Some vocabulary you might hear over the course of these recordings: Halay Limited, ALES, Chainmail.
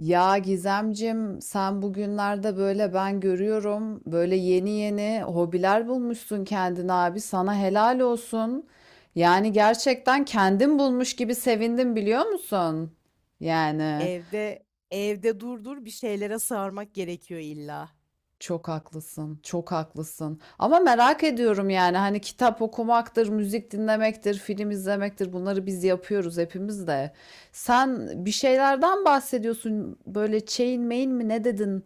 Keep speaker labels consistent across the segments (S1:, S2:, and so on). S1: Ya Gizemcim, sen bugünlerde böyle ben görüyorum böyle yeni yeni hobiler bulmuşsun kendine abi. Sana helal olsun. Yani gerçekten kendin bulmuş gibi sevindim biliyor musun? Yani.
S2: Evde evde durdur bir şeylere sarmak gerekiyor illa.
S1: Çok haklısın, çok haklısın. Ama merak ediyorum yani hani kitap okumaktır, müzik dinlemektir, film izlemektir bunları biz yapıyoruz hepimiz de. Sen bir şeylerden bahsediyorsun böyle chain main mi ne dedin?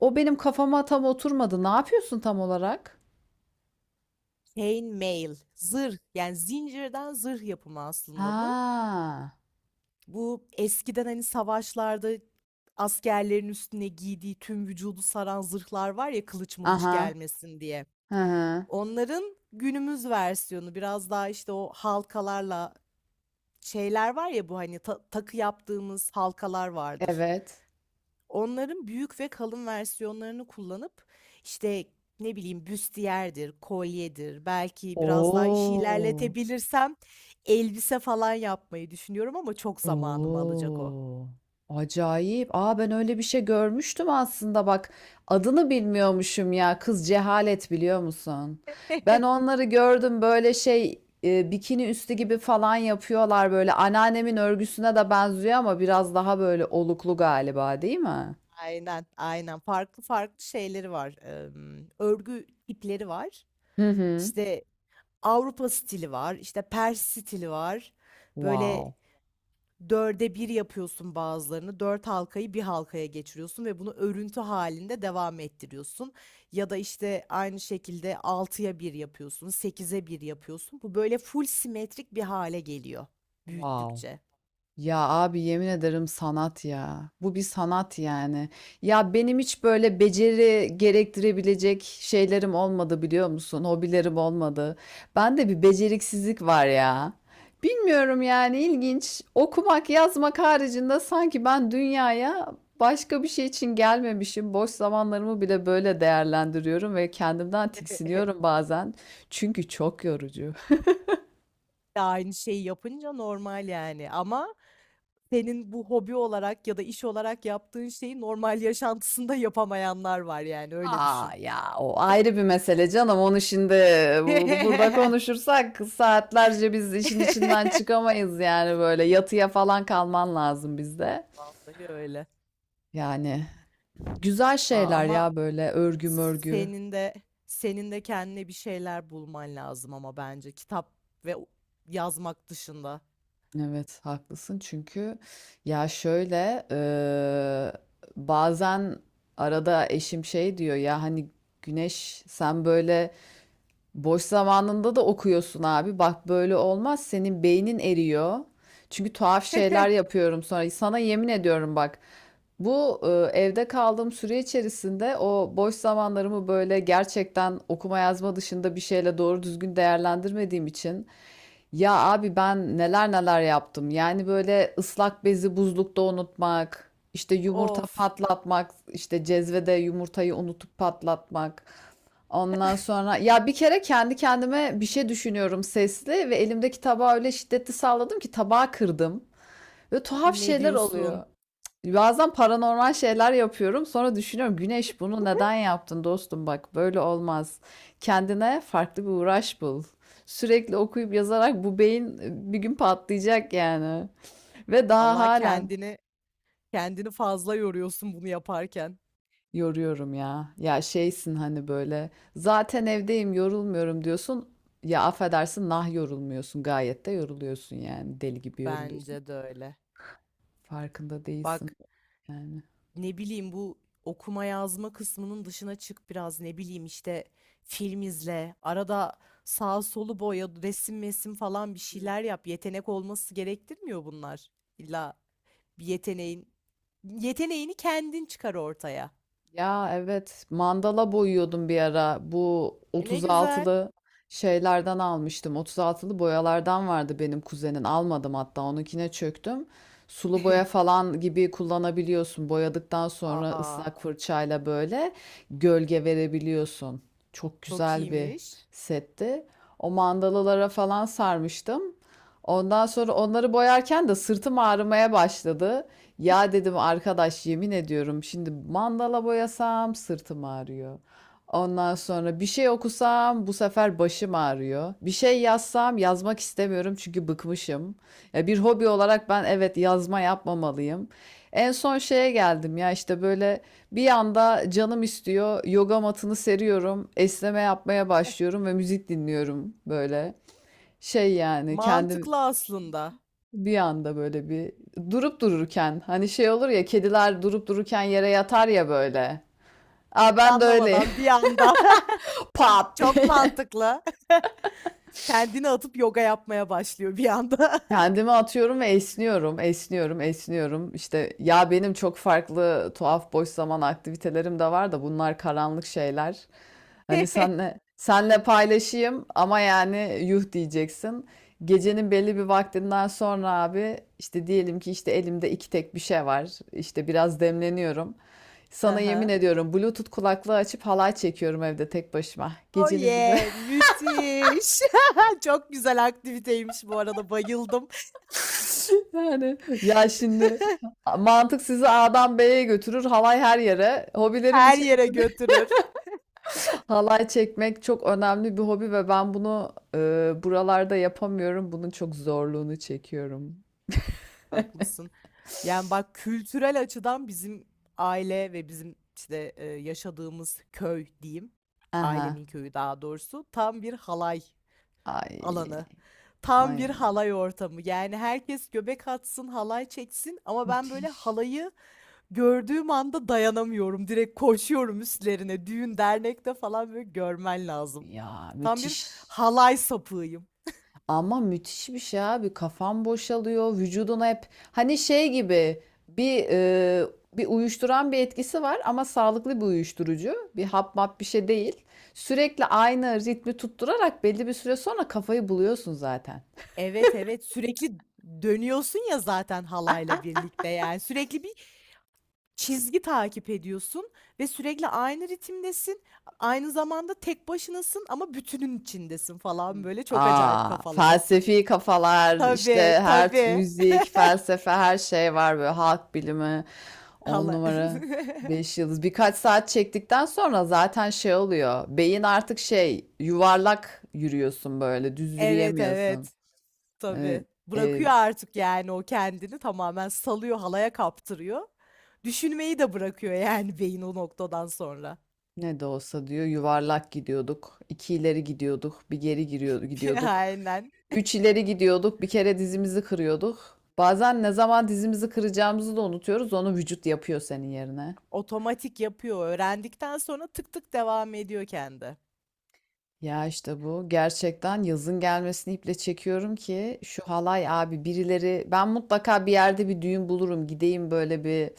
S1: O benim kafama tam oturmadı. Ne yapıyorsun tam olarak?
S2: Chainmail, zırh yani zincirden zırh yapımı aslında bu.
S1: Ha,
S2: Bu eskiden hani savaşlarda askerlerin üstüne giydiği tüm vücudu saran zırhlar var ya kılıç mılıç
S1: aha,
S2: gelmesin diye.
S1: hı hı,
S2: Onların günümüz versiyonu biraz daha işte o halkalarla şeyler var ya bu hani takı yaptığımız halkalar vardır.
S1: evet.
S2: Onların büyük ve kalın versiyonlarını kullanıp işte ne bileyim büstiyerdir, kolyedir, belki biraz daha işi
S1: Oo.
S2: ilerletebilirsem elbise falan yapmayı düşünüyorum ama çok zamanımı alacak o.
S1: Oo, acayip. Aa ben öyle bir şey görmüştüm aslında bak. Adını bilmiyormuşum ya. Kız cehalet biliyor musun? Ben onları gördüm böyle şey bikini üstü gibi falan yapıyorlar böyle. Anneannemin örgüsüne de benziyor ama biraz daha böyle oluklu galiba değil mi?
S2: Aynen, aynen. Farklı farklı şeyleri var. Örgü ipleri var.
S1: Hı hı.
S2: İşte Avrupa stili var, işte Pers stili var. Böyle
S1: Wow.
S2: dörde bir yapıyorsun bazılarını. Dört halkayı bir halkaya geçiriyorsun ve bunu örüntü halinde devam ettiriyorsun. Ya da işte aynı şekilde altıya bir yapıyorsun, sekize bir yapıyorsun. Bu böyle full simetrik bir hale geliyor
S1: Wow.
S2: büyüttükçe.
S1: Ya abi yemin ederim sanat ya. Bu bir sanat yani. Ya benim hiç böyle beceri gerektirebilecek şeylerim olmadı biliyor musun? Hobilerim olmadı. Bende bir beceriksizlik var ya. Bilmiyorum yani ilginç. Okumak, yazmak haricinde sanki ben dünyaya başka bir şey için gelmemişim. Boş zamanlarımı bile böyle değerlendiriyorum ve kendimden tiksiniyorum bazen. Çünkü çok yorucu.
S2: De aynı şeyi yapınca normal yani ama senin bu hobi olarak ya da iş olarak yaptığın şeyi normal yaşantısında yapamayanlar var yani öyle
S1: A,
S2: düşün.
S1: ya, o ayrı bir mesele canım. Onu şimdi burada konuşursak saatlerce biz işin içinden çıkamayız yani böyle yatıya falan kalman lazım bizde.
S2: Vallahi öyle.
S1: Yani güzel
S2: Aa,
S1: şeyler
S2: ama
S1: ya böyle örgü mörgü.
S2: senin de senin de kendine bir şeyler bulman lazım ama bence kitap ve yazmak dışında.
S1: Evet haklısın çünkü ya şöyle bazen arada eşim şey diyor ya hani Güneş sen böyle boş zamanında da okuyorsun abi. Bak böyle olmaz. Senin beynin eriyor. Çünkü tuhaf şeyler yapıyorum sonra. Sana yemin ediyorum bak. Bu e, Evde kaldığım süre içerisinde o boş zamanlarımı böyle gerçekten okuma yazma dışında bir şeyle doğru düzgün değerlendirmediğim için ya abi ben neler neler yaptım. Yani böyle ıslak bezi buzlukta unutmak, işte yumurta
S2: Of,
S1: patlatmak, işte cezvede yumurtayı unutup patlatmak. Ondan sonra ya bir kere kendi kendime bir şey düşünüyorum sesli ve elimdeki tabağı öyle şiddetli salladım ki tabağı kırdım. Ve tuhaf
S2: ne
S1: şeyler
S2: diyorsun?
S1: oluyor. Bazen paranormal şeyler yapıyorum. Sonra düşünüyorum Güneş bunu neden yaptın dostum bak böyle olmaz. Kendine farklı bir uğraş bul. Sürekli okuyup yazarak bu beyin bir gün patlayacak yani. Ve daha
S2: Allah,
S1: halen
S2: kendini fazla yoruyorsun bunu yaparken.
S1: yoruyorum ya. Ya şeysin hani böyle zaten evdeyim yorulmuyorum diyorsun. Ya affedersin nah yorulmuyorsun gayet de yoruluyorsun yani deli gibi yoruluyorsun.
S2: Bence de öyle.
S1: Farkında değilsin
S2: Bak,
S1: yani.
S2: ne bileyim bu okuma yazma kısmının dışına çık biraz, ne bileyim işte film izle arada, sağ solu boya, resim mesim falan bir şeyler yap. Yetenek olması gerektirmiyor bunlar, illa bir yeteneğin kendin çıkar ortaya.
S1: Ya evet mandala boyuyordum bir ara. Bu
S2: E, ne güzel.
S1: 36'lı şeylerden almıştım. 36'lı boyalardan vardı benim kuzenin. Almadım hatta onunkine çöktüm. Sulu boya falan gibi kullanabiliyorsun. Boyadıktan sonra
S2: Aa,
S1: ıslak fırçayla böyle gölge verebiliyorsun. Çok
S2: çok
S1: güzel bir
S2: iyiymiş.
S1: setti. O mandalalara falan sarmıştım. Ondan sonra onları boyarken de sırtım ağrımaya başladı. Ya dedim arkadaş yemin ediyorum şimdi mandala boyasam sırtım ağrıyor. Ondan sonra bir şey okusam bu sefer başım ağrıyor. Bir şey yazsam yazmak istemiyorum çünkü bıkmışım. Ya bir hobi olarak ben evet yazma yapmamalıyım. En son şeye geldim ya işte böyle bir anda canım istiyor. Yoga matını seriyorum. Esneme yapmaya başlıyorum ve müzik dinliyorum böyle. Şey yani kendim
S2: Mantıklı aslında.
S1: bir anda böyle bir durup dururken hani şey olur ya kediler durup dururken yere yatar ya böyle. Aa ben de öyle
S2: Anlamadan bir anda
S1: pat
S2: çok
S1: diye.
S2: mantıklı, kendini atıp yoga yapmaya başlıyor bir anda.
S1: Kendimi atıyorum ve esniyorum, esniyorum, esniyorum. İşte ya benim çok farklı tuhaf boş zaman aktivitelerim de var da bunlar karanlık şeyler. Hani senle senle paylaşayım ama yani yuh diyeceksin. Gecenin belli bir vaktinden sonra abi işte diyelim ki işte elimde iki tek bir şey var. İşte biraz demleniyorum. Sana yemin
S2: Aha.
S1: ediyorum Bluetooth kulaklığı açıp halay çekiyorum evde tek başıma.
S2: Oh
S1: Gecenin bir
S2: yeah, müthiş. Çok güzel aktiviteymiş bu arada, bayıldım.
S1: yani ya şimdi mantık sizi A'dan B'ye götürür, halay her yere. Hobilerim
S2: Her yere
S1: içerisinde
S2: götürür.
S1: halay çekmek çok önemli bir hobi ve ben bunu buralarda yapamıyorum. Bunun çok zorluğunu çekiyorum.
S2: Haklısın. Yani bak, kültürel açıdan bizim aile ve bizim işte yaşadığımız köy diyeyim,
S1: Aha.
S2: ailemin köyü daha doğrusu, tam bir halay
S1: Ay,
S2: alanı. Tam bir
S1: ay.
S2: halay ortamı. Yani herkes göbek atsın, halay çeksin ama ben böyle
S1: Müthiş.
S2: halayı gördüğüm anda dayanamıyorum. Direkt koşuyorum üstlerine. Düğün, dernekte falan böyle görmen lazım.
S1: Ya
S2: Tam bir
S1: müthiş.
S2: halay sapığıyım.
S1: Ama müthiş bir şey abi. Kafan boşalıyor. Vücuduna hep hani şey gibi bir bir uyuşturan bir etkisi var ama sağlıklı bir uyuşturucu. Bir hap map bir şey değil. Sürekli aynı ritmi tutturarak belli bir süre sonra kafayı buluyorsun zaten.
S2: Evet, evet. Sürekli dönüyorsun ya zaten halayla birlikte yani. Sürekli bir çizgi takip ediyorsun ve sürekli aynı ritimdesin. Aynı zamanda tek başınasın ama bütünün içindesin falan böyle çok acayip
S1: Aa,
S2: kafalar.
S1: felsefi kafalar, işte
S2: Tabii, tabii.
S1: müzik, felsefe, her şey var böyle halk bilimi, on
S2: Hala.
S1: numara, beş yıldız. Birkaç saat çektikten sonra zaten şey oluyor. Beyin artık şey yuvarlak yürüyorsun böyle, düz
S2: Evet,
S1: yürüyemiyorsun.
S2: evet.
S1: Evet,
S2: Tabii.
S1: e,
S2: Bırakıyor artık yani, o kendini tamamen salıyor, halaya kaptırıyor. Düşünmeyi de bırakıyor yani beyin o noktadan sonra.
S1: ne de olsa diyor yuvarlak gidiyorduk. İki ileri gidiyorduk. Bir geri giriyor, gidiyorduk.
S2: Aynen.
S1: Üç ileri gidiyorduk. Bir kere dizimizi kırıyorduk. Bazen ne zaman dizimizi kıracağımızı da unutuyoruz. Onu vücut yapıyor senin yerine.
S2: Otomatik yapıyor. Öğrendikten sonra tık tık devam ediyor kendi.
S1: Ya işte bu. Gerçekten yazın gelmesini iple çekiyorum ki şu halay abi birileri ben mutlaka bir yerde bir düğün bulurum. Gideyim böyle bir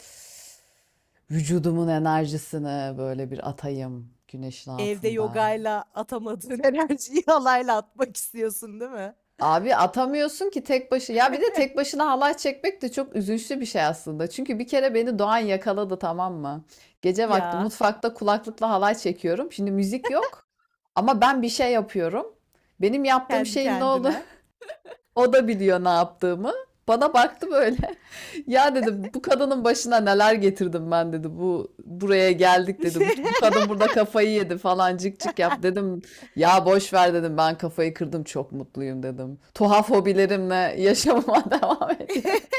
S1: vücudumun enerjisini böyle bir atayım güneşin
S2: Evde
S1: altında.
S2: yogayla atamadığın enerjiyi halayla atmak istiyorsun, değil mi?
S1: Abi atamıyorsun ki tek başına. Ya bir de tek başına halay çekmek de çok üzünçlü bir şey aslında. Çünkü bir kere beni Doğan yakaladı tamam mı? Gece vakti
S2: Ya,
S1: mutfakta kulaklıkla halay çekiyorum. Şimdi müzik yok ama ben bir şey yapıyorum. Benim yaptığım
S2: kendi
S1: şeyin ne oldu?
S2: kendine.
S1: O da biliyor ne yaptığımı. Bana baktı böyle. Ya dedi bu kadının başına neler getirdim ben dedi. Bu buraya geldik dedi. Bu kadın burada kafayı yedi falan cik cik yap dedim. Ya boş ver dedim. Ben kafayı kırdım çok mutluyum dedim. Tuhaf hobilerimle yaşamama devam ediyorum.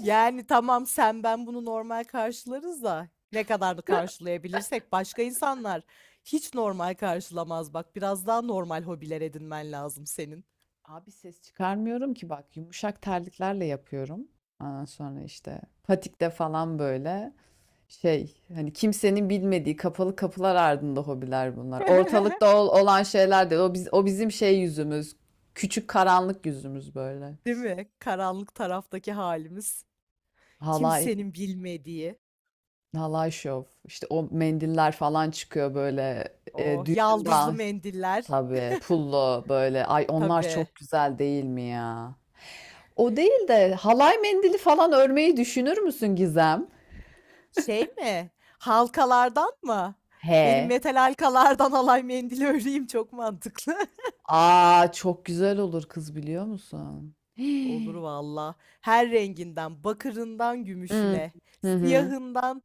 S2: Yani tamam, sen ben bunu normal karşılarız da, ne kadar da karşılayabilirsek, başka insanlar hiç normal karşılamaz. Bak, biraz daha normal hobiler edinmen lazım senin.
S1: Abi ses çıkarmıyorum ki bak yumuşak terliklerle yapıyorum. Ondan sonra işte patikte falan böyle. Şey hani kimsenin bilmediği kapalı kapılar ardında hobiler bunlar. Ortalıkta olan şeyler değil. O, biz, o bizim şey yüzümüz. Küçük karanlık yüzümüz böyle.
S2: Değil mi? Karanlık taraftaki halimiz.
S1: Halay,
S2: Kimsenin bilmediği.
S1: halay şov. İşte o mendiller falan çıkıyor böyle.
S2: O
S1: E, düğünümde
S2: yaldızlı
S1: al-
S2: mendiller.
S1: tabii pullo böyle. Ay onlar
S2: Tabii.
S1: çok güzel değil mi ya? O değil de halay mendili falan örmeyi düşünür müsün Gizem?
S2: Şey mi? Halkalardan mı? Benim
S1: He.
S2: metal halkalardan alay mendili öreyim, çok mantıklı.
S1: Aa çok güzel olur kız biliyor musun?
S2: Olur valla. Her renginden, bakırından
S1: Hı.
S2: gümüşüne,
S1: Hı hı.
S2: siyahından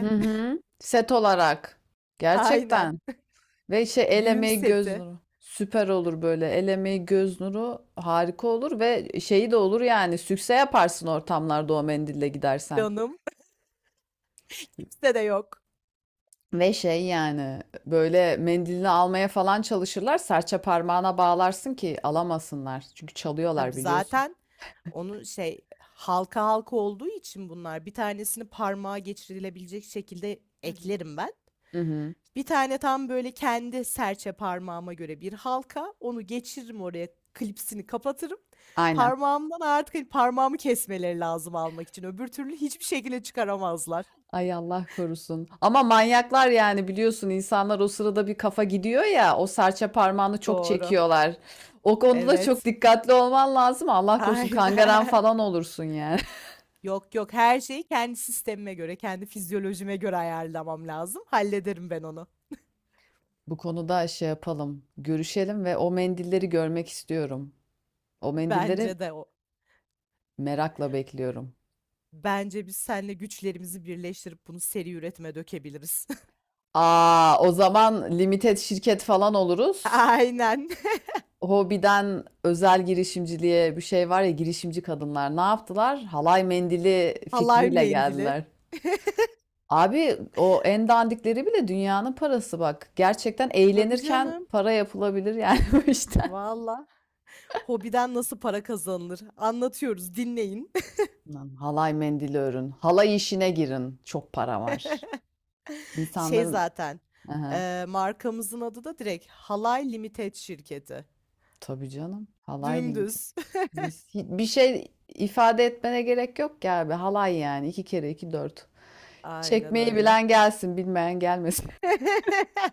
S1: Hı hı. Set olarak.
S2: Aynen.
S1: Gerçekten. Ve şey el
S2: Düğün
S1: emeği göz
S2: seti.
S1: nuru. Süper olur böyle. El emeği göz nuru harika olur ve şeyi de olur yani. Sükse yaparsın ortamlarda o mendille gidersen.
S2: Canım. Kimse de yok.
S1: Ve şey yani böyle mendilini almaya falan çalışırlar. Serçe parmağına bağlarsın ki alamasınlar. Çünkü
S2: Tabii
S1: çalıyorlar biliyorsun.
S2: zaten onun şey, halka halka olduğu için bunlar, bir tanesini parmağa geçirilebilecek şekilde
S1: Hı hı.
S2: eklerim ben.
S1: Hı hı.
S2: Bir tane tam böyle kendi serçe parmağıma göre bir halka. Onu geçiririm oraya, klipsini kapatırım.
S1: Aynen.
S2: Parmağımdan artık hani parmağımı kesmeleri lazım almak için. Öbür türlü hiçbir şekilde çıkaramazlar.
S1: Ay Allah korusun. Ama manyaklar yani biliyorsun insanlar o sırada bir kafa gidiyor ya o serçe parmağını çok
S2: Doğru.
S1: çekiyorlar. O konuda da çok
S2: Evet.
S1: dikkatli olman lazım. Allah korusun kangaren
S2: Aynen.
S1: falan olursun yani.
S2: Yok yok, her şeyi kendi sistemime göre, kendi fizyolojime göre ayarlamam lazım. Hallederim ben onu.
S1: Bu konuda şey yapalım, görüşelim ve o mendilleri görmek istiyorum. O mendilleri
S2: Bence de o.
S1: merakla bekliyorum.
S2: Bence biz seninle güçlerimizi birleştirip bunu seri üretime dökebiliriz.
S1: Aa, o zaman limited şirket falan oluruz.
S2: Aynen.
S1: Hobiden özel girişimciliğe bir şey var ya girişimci kadınlar ne yaptılar? Halay mendili
S2: Halay
S1: fikriyle
S2: mendili.
S1: geldiler. Abi o en dandikleri bile dünyanın parası bak. Gerçekten
S2: Tabii
S1: eğlenirken
S2: canım.
S1: para yapılabilir yani bu işten.
S2: Valla. Hobiden nasıl para kazanılır? Anlatıyoruz, dinleyin.
S1: Lan halay mendili örün. Halay işine girin. Çok para var.
S2: Şey
S1: İnsanların...
S2: zaten,
S1: Aha,
S2: markamızın adı da direkt Halay Limited şirketi.
S1: tabii canım. Halay limiti.
S2: Dümdüz.
S1: Mis- bir şey ifade etmene gerek yok ki abi. Halay yani. İki kere iki dört.
S2: Aynen
S1: Çekmeyi
S2: öyle.
S1: bilen gelsin, bilmeyen gelmesin.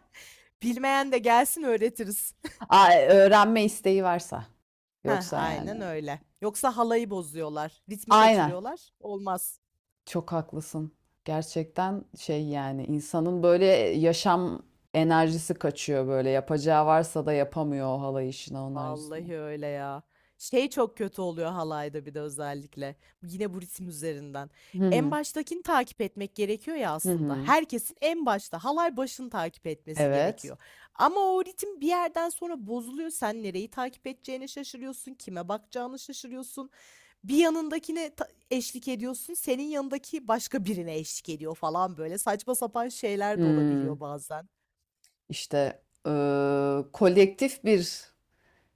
S2: Bilmeyen de gelsin, öğretiriz.
S1: Aa, öğrenme isteği varsa.
S2: Heh,
S1: Yoksa yani.
S2: aynen öyle. Yoksa halayı bozuyorlar, ritmi
S1: Aynen.
S2: kaçırıyorlar. Olmaz.
S1: Çok haklısın. Gerçekten şey yani insanın böyle yaşam enerjisi kaçıyor böyle. Yapacağı varsa da yapamıyor o halay işini onlar yüzünden.
S2: Vallahi öyle ya. Şey çok kötü oluyor halayda bir de özellikle. Yine bu ritim üzerinden.
S1: Hı
S2: En
S1: hı.
S2: baştakini takip etmek gerekiyor ya
S1: Hı
S2: aslında.
S1: hı.
S2: Herkesin en başta halay başını takip etmesi
S1: Evet.
S2: gerekiyor. Ama o ritim bir yerden sonra bozuluyor. Sen nereyi takip edeceğini şaşırıyorsun. Kime bakacağını şaşırıyorsun. Bir yanındakine eşlik ediyorsun. Senin yanındaki başka birine eşlik ediyor falan böyle. Saçma sapan şeyler de olabiliyor
S1: Hmm.
S2: bazen.
S1: İşte kolektif bir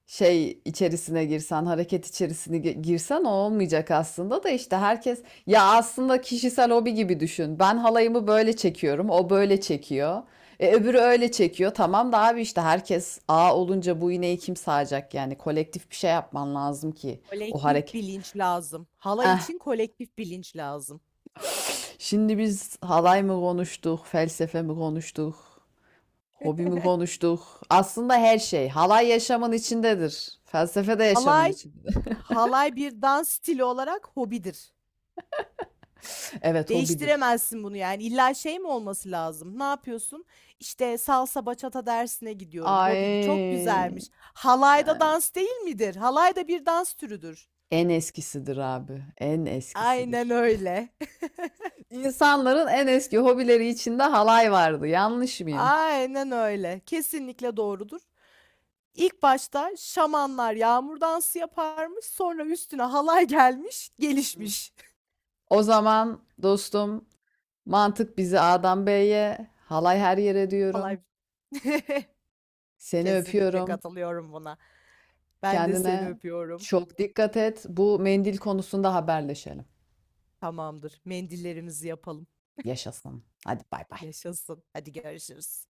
S1: şey içerisine girsen, hareket içerisine girsen o olmayacak aslında da işte herkes ya aslında kişisel hobi gibi düşün. Ben halayımı böyle çekiyorum, o böyle çekiyor. E, öbürü öyle çekiyor. Tamam da abi işte herkes A olunca bu iğneyi kim sağacak? Yani kolektif bir şey yapman lazım ki o
S2: Kolektif
S1: hareket.
S2: bilinç lazım. Halay
S1: Eh.
S2: için kolektif bilinç lazım.
S1: Şimdi biz halay mı konuştuk, felsefe mi konuştuk, hobi mi konuştuk? Aslında her şey. Halay yaşamın içindedir. Felsefe de yaşamın
S2: Halay,
S1: içindedir.
S2: halay bir dans stili olarak hobidir.
S1: Evet, hobidir.
S2: Değiştiremezsin bunu yani. İlla şey mi olması lazım? Ne yapıyorsun? İşte salsa bachata dersine gidiyorum. Hobin çok
S1: Ay,
S2: güzelmiş. Halayda dans değil midir? Halay da bir dans türüdür.
S1: en eskisidir abi, en
S2: Aynen
S1: eskisidir.
S2: öyle.
S1: İnsanların en eski hobileri içinde halay vardı. Yanlış mıyım?
S2: Aynen öyle. Kesinlikle doğrudur. İlk başta şamanlar yağmur dansı yaparmış, sonra üstüne halay gelmiş,
S1: Hı.
S2: gelişmiş.
S1: O zaman dostum, mantık bizi A'dan B'ye, halay her yere diyorum.
S2: Halay.
S1: Seni
S2: Kesinlikle
S1: öpüyorum.
S2: katılıyorum buna. Ben de seni
S1: Kendine
S2: öpüyorum.
S1: çok dikkat et. Bu mendil konusunda haberleşelim.
S2: Tamamdır. Mendillerimizi yapalım.
S1: Yaşasın. Hadi bay bay.
S2: Yaşasın. Hadi görüşürüz.